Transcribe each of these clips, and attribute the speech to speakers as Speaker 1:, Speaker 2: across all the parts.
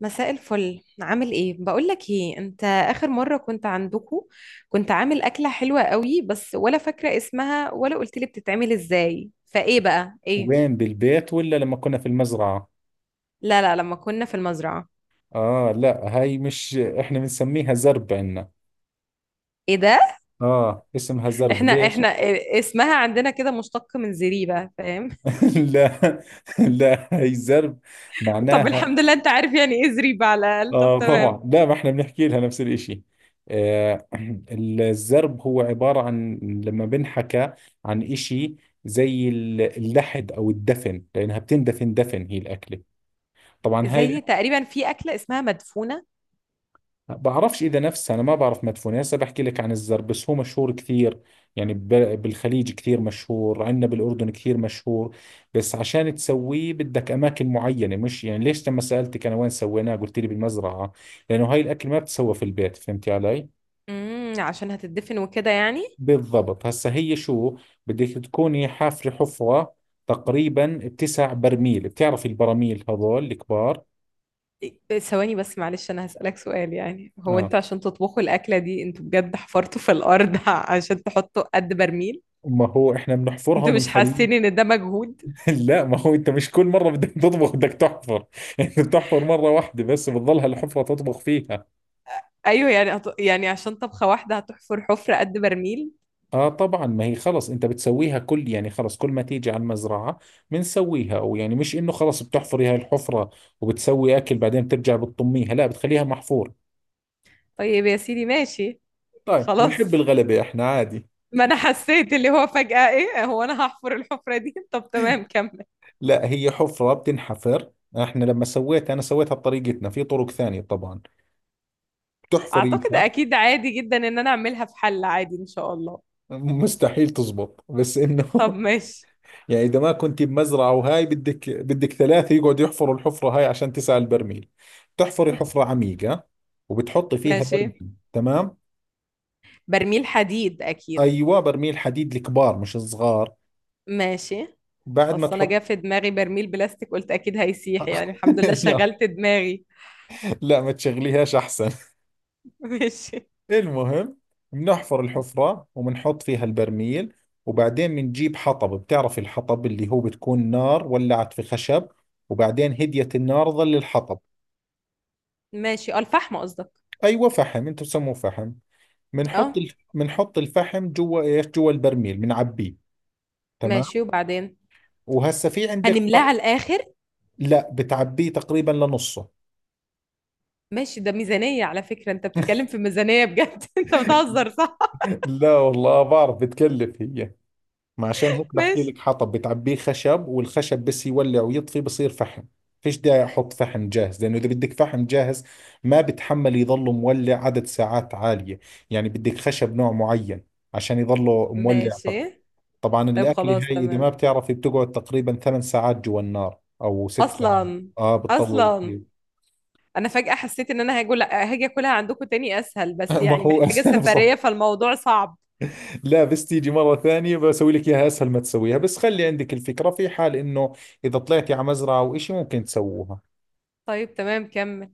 Speaker 1: مساء الفل، عامل ايه؟ بقول لك ايه، انت اخر مره كنت عندكو كنت عامل اكله حلوه قوي، بس ولا فاكره اسمها ولا قلت لي بتتعمل ازاي، فايه بقى؟ ايه؟
Speaker 2: وين؟ بالبيت ولا لما كنا في المزرعة؟
Speaker 1: لا لا، لما كنا في المزرعه.
Speaker 2: آه، لا، هاي مش إحنا بنسميها زرب عنا.
Speaker 1: ايه ده؟
Speaker 2: آه، اسمها زرب.
Speaker 1: احنا
Speaker 2: ليش؟
Speaker 1: احنا إيه- اسمها عندنا كده مشتق من زريبه، فاهم؟
Speaker 2: لا. لا، هاي زرب
Speaker 1: طب
Speaker 2: معناها،
Speaker 1: الحمد لله، انت عارف يعني ايه زريبه على الاقل، طب
Speaker 2: آه،
Speaker 1: تمام.
Speaker 2: طبعا. لا، ما إحنا بنحكي لها نفس الإشي. آه. الزرب هو عبارة عن لما بنحكى عن إشي زي اللحد أو الدفن، لأنها بتندفن دفن هي الأكلة طبعا هاي.
Speaker 1: زي تقريبا في اكله اسمها مدفونه.
Speaker 2: بعرفش اذا نفسها، انا ما بعرف مدفونه، هسه بحكي لك عن الزر بس، هو مشهور كثير، يعني بالخليج كثير مشهور، عندنا بالاردن كثير مشهور. بس عشان تسويه بدك اماكن معينه، مش يعني ليش لما سالتك انا وين سويناه قلت لي بالمزرعه؟ لانه هاي الاكل ما بتسوى في البيت. فهمتي علي؟
Speaker 1: عشان هتدفن وكده يعني.
Speaker 2: بالضبط. هسه هي شو؟ بدك تكوني حافره حفره تقريبا بتسع برميل. بتعرفي البراميل هذول الكبار؟
Speaker 1: ثواني بس معلش، انا هسألك سؤال، يعني هو
Speaker 2: اه.
Speaker 1: انتوا عشان تطبخوا الاكلة دي انتوا بجد حفرتوا في الارض عشان تحطوا قد برميل؟
Speaker 2: ما هو احنا بنحفرها
Speaker 1: انتوا مش
Speaker 2: وبنخليها.
Speaker 1: حاسين ان ده مجهود؟
Speaker 2: لا، ما هو انت مش كل مره بدك تطبخ بدك تحفر. انت بتحفر مره واحده بس، بتضلها الحفره تطبخ فيها.
Speaker 1: ايوه، يعني يعني عشان طبخة واحدة هتحفر حفرة قد برميل؟
Speaker 2: اه طبعا. ما هي خلص انت بتسويها، كل يعني خلص كل ما تيجي على المزرعه بنسويها. او يعني مش انه خلص بتحفري هاي الحفره وبتسوي اكل بعدين بترجع بتطميها، لا بتخليها محفوره.
Speaker 1: طيب يا سيدي، ماشي.
Speaker 2: طيب، بنحب
Speaker 1: خلاص.
Speaker 2: الغلبه احنا، عادي.
Speaker 1: ما انا حسيت اللي هو فجأة ايه، هو انا هحفر الحفرة دي؟ طب تمام، كمل.
Speaker 2: لا، هي حفره بتنحفر. احنا لما سويتها انا سويتها بطريقتنا، في طرق ثانيه طبعا
Speaker 1: اعتقد
Speaker 2: بتحفريها.
Speaker 1: اكيد عادي جدا ان انا اعملها في حل عادي ان شاء الله.
Speaker 2: مستحيل تزبط، بس
Speaker 1: طب
Speaker 2: انه
Speaker 1: ماشي.
Speaker 2: يعني اذا ما كنت بمزرعه وهاي بدك ثلاثه يقعدوا يحفروا الحفره هاي عشان تسعى البرميل. بتحفري حفره عميقه وبتحطي فيها
Speaker 1: ماشي.
Speaker 2: برميل، تمام.
Speaker 1: برميل حديد اكيد.
Speaker 2: ايوه، برميل حديد، الكبار مش الصغار.
Speaker 1: ماشي.
Speaker 2: بعد ما
Speaker 1: اصل انا
Speaker 2: تحط.
Speaker 1: جا في دماغي برميل بلاستيك، قلت اكيد هيسيح، يعني الحمد لله
Speaker 2: لا.
Speaker 1: شغلت دماغي.
Speaker 2: لا، ما تشغليهاش احسن.
Speaker 1: ماشي.
Speaker 2: المهم، بنحفر الحفره وبنحط فيها البرميل، وبعدين بنجيب حطب. بتعرف الحطب اللي هو بتكون نار ولعت في خشب وبعدين هديت النار ظل الحطب.
Speaker 1: ماشي، اه، الفحم قصدك.
Speaker 2: ايوه فحم، انتم بسموه فحم.
Speaker 1: اه.
Speaker 2: بنحط الفحم جوا ايش، جوا البرميل بنعبيه. تمام.
Speaker 1: ماشي، وبعدين؟
Speaker 2: وهسا في عندك
Speaker 1: هنملاه على الاخر؟
Speaker 2: لا، بتعبيه تقريبا لنصه.
Speaker 1: ماشي، ده ميزانية على فكرة، انت بتتكلم في ميزانية بجد انت بتهزر صح؟
Speaker 2: لا والله، بعرف بتكلف هي. ما عشان هيك بحكي
Speaker 1: ماشي.
Speaker 2: لك حطب بتعبيه خشب، والخشب بس يولع ويطفي بصير فحم. فيش داعي احط فحم جاهز، لانه اذا بدك فحم جاهز ما بتحمل يضله مولع عدد ساعات عالية. يعني بدك خشب نوع معين عشان يضله مولع.
Speaker 1: ماشي.
Speaker 2: طبعا
Speaker 1: طيب
Speaker 2: الأكلة
Speaker 1: خلاص
Speaker 2: هاي إذا
Speaker 1: تمام.
Speaker 2: ما بتعرفي بتقعد تقريبا 8 ساعات جوا النار أو 6 ساعات.
Speaker 1: اصلا.
Speaker 2: آه، بتطول
Speaker 1: اصلا.
Speaker 2: كثير.
Speaker 1: انا فجأة حسيت ان انا هاجي اكلها عندكم تاني اسهل، بس
Speaker 2: ما
Speaker 1: يعني
Speaker 2: هو
Speaker 1: محتاجة
Speaker 2: أسهل
Speaker 1: سفرية،
Speaker 2: بصراحة.
Speaker 1: فالموضوع صعب.
Speaker 2: لا بس تيجي مرة ثانية بسوي لك إياها، أسهل ما تسويها بس خلي عندك الفكرة، في حال إنه إذا طلعتي على مزرعة أو إشي ممكن تسووها.
Speaker 1: طيب تمام، كمل.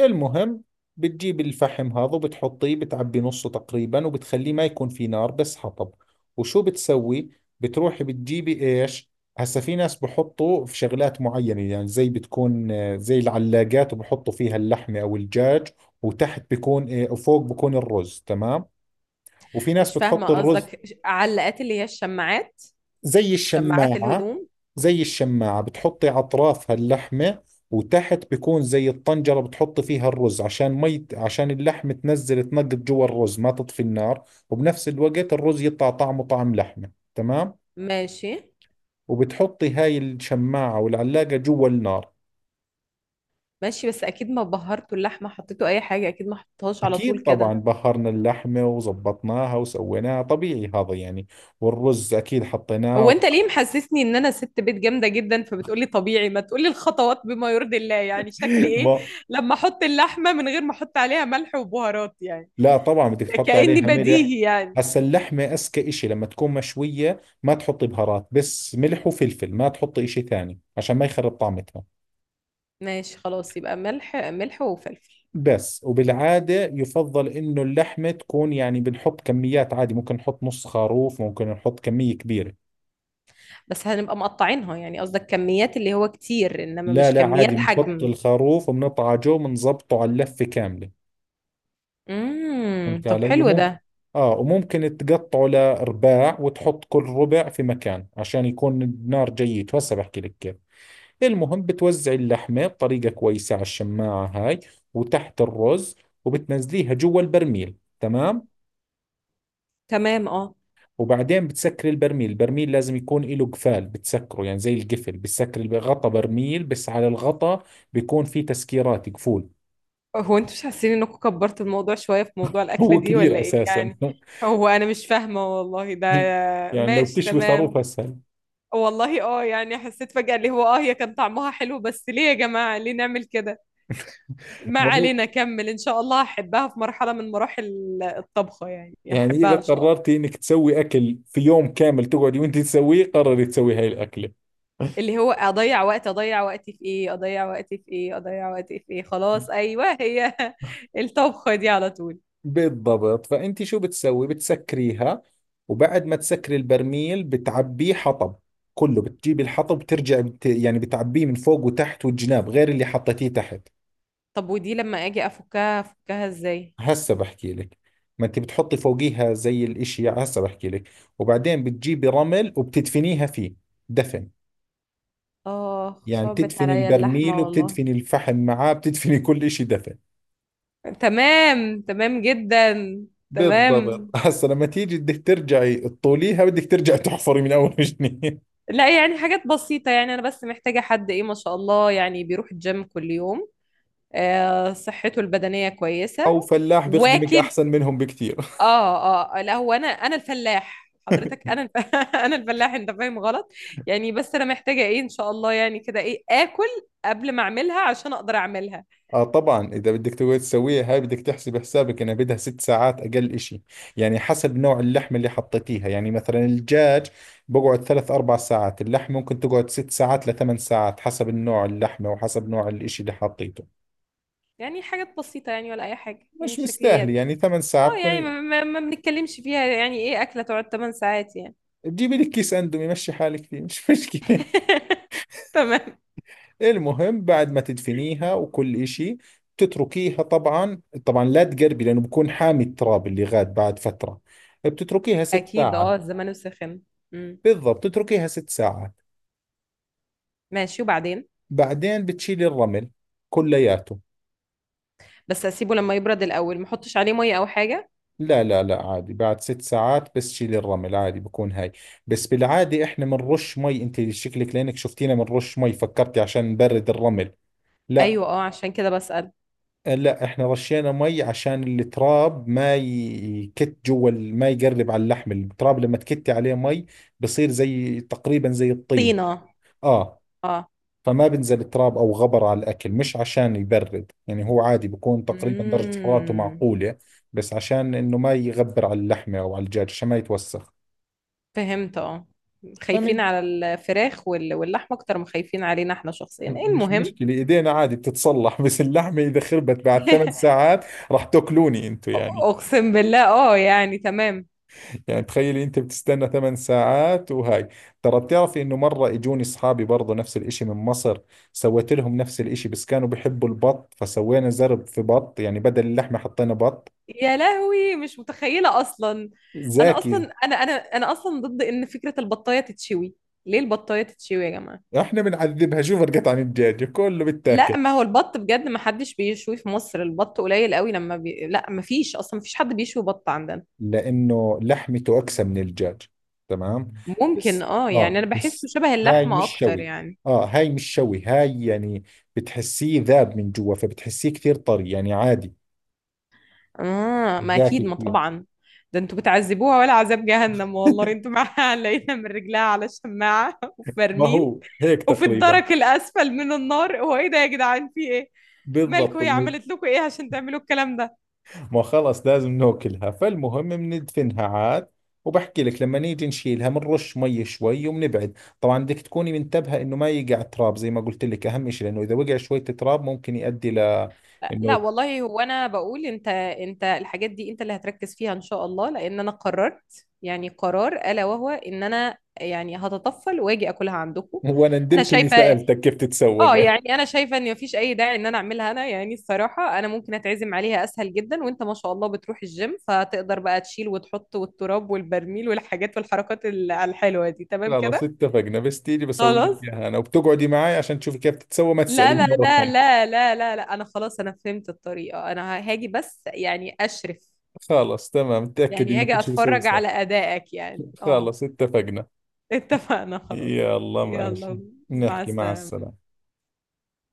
Speaker 2: المهم، بتجيب الفحم هذا وبتحطيه، بتعبي نصه تقريبا، وبتخليه ما يكون في نار بس حطب. وشو بتسوي؟ بتروحي بتجيبي ايش؟ هسا في ناس بحطوا في شغلات معينة، يعني زي بتكون زي العلاقات وبحطوا فيها اللحمة او الدجاج، وتحت بيكون وفوق بيكون الرز، تمام. وفي ناس
Speaker 1: مش فاهمة
Speaker 2: بتحط الرز.
Speaker 1: قصدك، علقات اللي هي الشماعات؟
Speaker 2: زي
Speaker 1: شماعات
Speaker 2: الشماعة.
Speaker 1: الهدوم.
Speaker 2: زي الشماعة بتحطي أطرافها اللحمة، وتحت بيكون زي الطنجرة بتحطي فيها الرز، عشان مي، عشان اللحمة تنزل تنقط جوا الرز ما تطفي النار، وبنفس الوقت الرز يطلع طعمه طعم لحمة، تمام.
Speaker 1: ماشي.
Speaker 2: وبتحطي هاي الشماعة والعلاقة جوا النار.
Speaker 1: ماشي، بس اكيد ما بهرته اللحمه حطيته اي حاجه، اكيد ما حطيتهاش على طول
Speaker 2: أكيد طبعا
Speaker 1: كده.
Speaker 2: بهرنا اللحمة وزبطناها وسويناها طبيعي، هذا يعني. والرز أكيد
Speaker 1: هو
Speaker 2: حطيناه.
Speaker 1: انت ليه محسسني ان انا ست بيت جامده جدا، فبتقولي طبيعي، ما تقولي الخطوات بما يرضي الله، يعني شكلي ايه
Speaker 2: ما.
Speaker 1: لما احط اللحمه من غير ما احط عليها ملح وبهارات، يعني
Speaker 2: لا طبعا بدك تحط
Speaker 1: كأني
Speaker 2: عليها ملح.
Speaker 1: بديهي يعني.
Speaker 2: هسا اللحمة أذكى إشي لما تكون مشوية ما تحطي بهارات، بس ملح وفلفل، ما تحطي إشي ثاني عشان ما يخرب طعمتها.
Speaker 1: ماشي خلاص، يبقى ملح ملح وفلفل.
Speaker 2: بس، وبالعادة يفضل إنه اللحمة تكون، يعني بنحط كميات عادي، ممكن نحط نص خروف، ممكن نحط كمية كبيرة.
Speaker 1: بس هنبقى مقطعينها يعني، قصدك كميات اللي هو كتير، انما
Speaker 2: لا
Speaker 1: مش
Speaker 2: لا، عادي
Speaker 1: كميات
Speaker 2: بنحط
Speaker 1: حجم.
Speaker 2: الخروف وبنطعجه وبنظبطه على اللفة كاملة. فهمت
Speaker 1: طب،
Speaker 2: علي؟
Speaker 1: حلو
Speaker 2: ممكن
Speaker 1: ده.
Speaker 2: آه، وممكن تقطعه لأرباع وتحط كل ربع في مكان عشان يكون النار جيد. هسا بحكي لك كيف. المهم بتوزع اللحمة بطريقة كويسة على الشماعة هاي، وتحت الرز، وبتنزليها جوا البرميل، تمام.
Speaker 1: تمام اه.
Speaker 2: وبعدين بتسكري البرميل. البرميل لازم يكون له قفال بتسكره، يعني زي القفل بتسكري غطا برميل، بس على الغطا بيكون في تسكيرات قفول.
Speaker 1: هو انتوا مش حاسين انكم كبرتوا الموضوع شوية في موضوع الأكلة
Speaker 2: هو
Speaker 1: دي ولا
Speaker 2: كبير
Speaker 1: ايه
Speaker 2: أساسا.
Speaker 1: يعني؟ هو انا مش فاهمة والله ده.
Speaker 2: يعني لو
Speaker 1: ماشي
Speaker 2: بتشوي
Speaker 1: تمام.
Speaker 2: خروف أسهل.
Speaker 1: والله اه يعني، حسيت فجأة اللي هو هي كان طعمها حلو، بس ليه يا جماعة ليه نعمل كده؟ ما
Speaker 2: ما هو-
Speaker 1: علينا، كمل، ان شاء الله هحبها في مرحلة من مراحل الطبخة، يعني
Speaker 2: يعني إذا
Speaker 1: هحبها ان شاء الله.
Speaker 2: قررتي إنك تسوي أكل في يوم كامل تقعدي وأنت تسويه، قرري تسوي هاي الأكلة.
Speaker 1: اللي هو اضيع وقت، اضيع وقتي في ايه، اضيع وقتي في ايه، اضيع وقتي في ايه، خلاص ايوه، هي الطبخة دي على طول.
Speaker 2: بالضبط. فأنت شو بتسوي؟ بتسكريها، وبعد ما تسكري البرميل بتعبيه حطب كله، بتجيبي الحطب بترجع يعني بتعبيه من فوق وتحت والجناب غير اللي حطيتيه تحت.
Speaker 1: طب ودي لما اجي افكها ازاي؟
Speaker 2: هسه بحكي لك. ما انت بتحطي فوقيها زي الاشي، هسه بحكي لك. وبعدين بتجيبي رمل وبتدفنيها فيه، دفن.
Speaker 1: اه،
Speaker 2: يعني
Speaker 1: صعبت
Speaker 2: بتدفني
Speaker 1: عليا
Speaker 2: البرميل،
Speaker 1: اللحمة والله.
Speaker 2: وبتدفني الفحم معاه، بتدفني كل اشي دفن.
Speaker 1: تمام، تمام جدا. تمام.
Speaker 2: بالضبط. هسه لما تيجي بدك ترجعي تطوليها، بدك ترجعي تحفري من اول وجديد.
Speaker 1: لا يعني حاجات بسيطة يعني، أنا بس محتاجة حد إيه، ما شاء الله، يعني بيروح الجيم كل يوم. آه، صحته البدنية كويسة.
Speaker 2: او فلاح بيخدمك
Speaker 1: واكل.
Speaker 2: احسن منهم بكثير.
Speaker 1: اه اه، لا هو أنا الفلاح حضرتك، أنا أنا الفلاح، أنت فاهم غلط. يعني بس أنا محتاجة إيه إن شاء الله يعني كده، إيه آكل قبل ما أعملها عشان أقدر أعملها.
Speaker 2: اه طبعا، اذا بدك تقعد تسويها هاي بدك تحسب حسابك انها بدها 6 ساعات اقل اشي. يعني حسب نوع اللحمه اللي حطيتيها، يعني مثلا الدجاج بقعد ثلاث اربع ساعات، اللحم ممكن تقعد 6 ساعات لثمان ساعات حسب النوع اللحمه وحسب نوع الاشي اللي حطيته.
Speaker 1: يعني حاجات بسيطة يعني، ولا أي حاجة، يعني
Speaker 2: مش مستاهل
Speaker 1: شكليات.
Speaker 2: يعني 8 ساعات
Speaker 1: اه يعني
Speaker 2: تكون،
Speaker 1: ما بنتكلمش فيها، يعني ايه اكله تقعد 8 ساعات يعني؟
Speaker 2: تجيبي لك كيس اندومي مشي حالك فيه مش مشكله.
Speaker 1: تمام.
Speaker 2: المهم بعد ما تدفنيها وكل إشي بتتركيها، طبعا طبعا لا تقربي لأنه بكون حامي التراب اللي غاد بعد فترة. بتتركيها ست
Speaker 1: اكيد،
Speaker 2: ساعات
Speaker 1: الزمن السخن. امم.
Speaker 2: بالضبط، تتركيها 6 ساعات.
Speaker 1: ماشي، وبعدين؟
Speaker 2: بعدين بتشيلي الرمل كلياته.
Speaker 1: بس اسيبه لما يبرد الاول، ما احطش عليه ميه او حاجه؟
Speaker 2: لا لا لا، عادي بعد 6 ساعات بس شيلي الرمل، عادي بكون هاي. بس بالعادة احنا بنرش مي، انت شكلك لانك شفتينا بنرش مي فكرتي عشان نبرد الرمل. لا.
Speaker 1: ايوه، عشان كده بسأل.
Speaker 2: لا، احنا رشينا مي عشان التراب ما يكت جوا ما يقرب على اللحم. التراب لما تكتي عليه مي بصير زي تقريبا زي الطين.
Speaker 1: طينه.
Speaker 2: اه،
Speaker 1: اه.
Speaker 2: فما بنزل تراب او غبر على الاكل، مش عشان يبرد يعني، هو عادي بكون تقريبا درجة حرارته
Speaker 1: امم.
Speaker 2: معقولة، بس عشان انه ما يغبر على اللحمة او على الدجاج عشان ما يتوسخ.
Speaker 1: فهمت اه. خايفين
Speaker 2: فمن،
Speaker 1: على الفراخ واللحمه اكتر ما خايفين علينا احنا شخصيا،
Speaker 2: مش
Speaker 1: المهم.
Speaker 2: مشكلة ايدينا عادي بتتصلح، بس اللحمة اذا خربت بعد 8 ساعات راح تاكلوني انتو يعني.
Speaker 1: اقسم بالله، يعني تمام.
Speaker 2: يعني تخيلي انت بتستنى 8 ساعات وهاي. ترى بتعرفي انه مرة اجوني اصحابي برضو نفس الاشي من مصر، سويت لهم نفس الاشي بس كانوا بيحبوا البط، فسوينا زرب في بط يعني بدل اللحمة حطينا بط.
Speaker 1: يا لهوي، مش متخيلة أصلا. أنا
Speaker 2: زاكي.
Speaker 1: أصلا أنا أنا أنا أصلا ضد إن فكرة البطاية تتشوي. ليه البطاية تتشوي يا جماعة؟
Speaker 2: احنا بنعذبها، شو فرقت عن الدجاج؟ كله بتاكل.
Speaker 1: لا ما هو البط بجد ما حدش بيشوي في مصر، البط قليل قوي، لما لا ما فيش أصلا، ما فيش حد بيشوي بط عندنا.
Speaker 2: لانه لحمته اقسى من الدجاج. تمام.
Speaker 1: ممكن،
Speaker 2: بس،
Speaker 1: يعني
Speaker 2: اه،
Speaker 1: أنا بحسه
Speaker 2: بس
Speaker 1: شبه
Speaker 2: هاي
Speaker 1: اللحمة
Speaker 2: مش
Speaker 1: أكتر
Speaker 2: شوي.
Speaker 1: يعني.
Speaker 2: اه، هاي مش شوي هاي يعني، بتحسيه ذاب من جوا، فبتحسيه كثير طري يعني عادي.
Speaker 1: آه، ما
Speaker 2: زاكي
Speaker 1: أكيد ما
Speaker 2: كثير.
Speaker 1: طبعا. ده انتوا بتعذبوها، ولا عذاب جهنم والله انتوا معاها لقينا من رجلها على شماعة وفي
Speaker 2: ما
Speaker 1: برميل،
Speaker 2: هو هيك
Speaker 1: وفي
Speaker 2: تقريبا.
Speaker 1: الدرك الأسفل من النار، هو ايه ده يا جدعان، في ايه؟
Speaker 2: بالضبط.
Speaker 1: مالكوا هي
Speaker 2: من،
Speaker 1: عملت لكم ايه عشان تعملوا الكلام ده؟
Speaker 2: ما خلص لازم ناكلها. فالمهم بندفنها عاد، وبحكي لك لما نيجي نشيلها بنرش مي شوي وبنبعد. طبعا بدك تكوني منتبهة انه ما يقع تراب زي ما قلت لك، اهم شيء، لانه اذا وقع شوية تراب ممكن يؤدي ل
Speaker 1: لا
Speaker 2: انه.
Speaker 1: والله، هو انا بقول انت الحاجات دي، انت اللي هتركز فيها ان شاء الله، لان انا قررت، يعني قرار الا وهو ان انا يعني هتطفل واجي اكلها عندكم.
Speaker 2: وانا
Speaker 1: انا
Speaker 2: ندمت اني
Speaker 1: شايفه.
Speaker 2: سألتك كيف تتسوق.
Speaker 1: اه يعني انا شايفه ان مفيش اي داعي ان انا اعملها انا، يعني الصراحه انا ممكن اتعزم عليها اسهل جدا، وانت ما شاء الله بتروح الجيم، فتقدر بقى تشيل وتحط، والتراب والبرميل والحاجات والحركات الحلوه دي تمام
Speaker 2: خلص
Speaker 1: كده.
Speaker 2: اتفقنا. بس تيجي بسوي لك
Speaker 1: خلاص.
Speaker 2: اياها انا وبتقعدي معي عشان تشوفي كيف تتسوى ما
Speaker 1: لا
Speaker 2: تسأليني
Speaker 1: لا
Speaker 2: مرة
Speaker 1: لا
Speaker 2: ثانية.
Speaker 1: لا لا لا لا، انا خلاص، انا فهمت الطريقه، انا هاجي، بس يعني اشرف.
Speaker 2: خلص تمام، تأكدي
Speaker 1: يعني
Speaker 2: انه
Speaker 1: هاجي
Speaker 2: كل شيء بسوي
Speaker 1: اتفرج
Speaker 2: صح.
Speaker 1: على ادائك يعني اه.
Speaker 2: خلص اتفقنا.
Speaker 1: اتفقنا خلاص.
Speaker 2: يلا ماشي.
Speaker 1: يلا، مع
Speaker 2: نحكي مع
Speaker 1: السلامه.
Speaker 2: السلامة.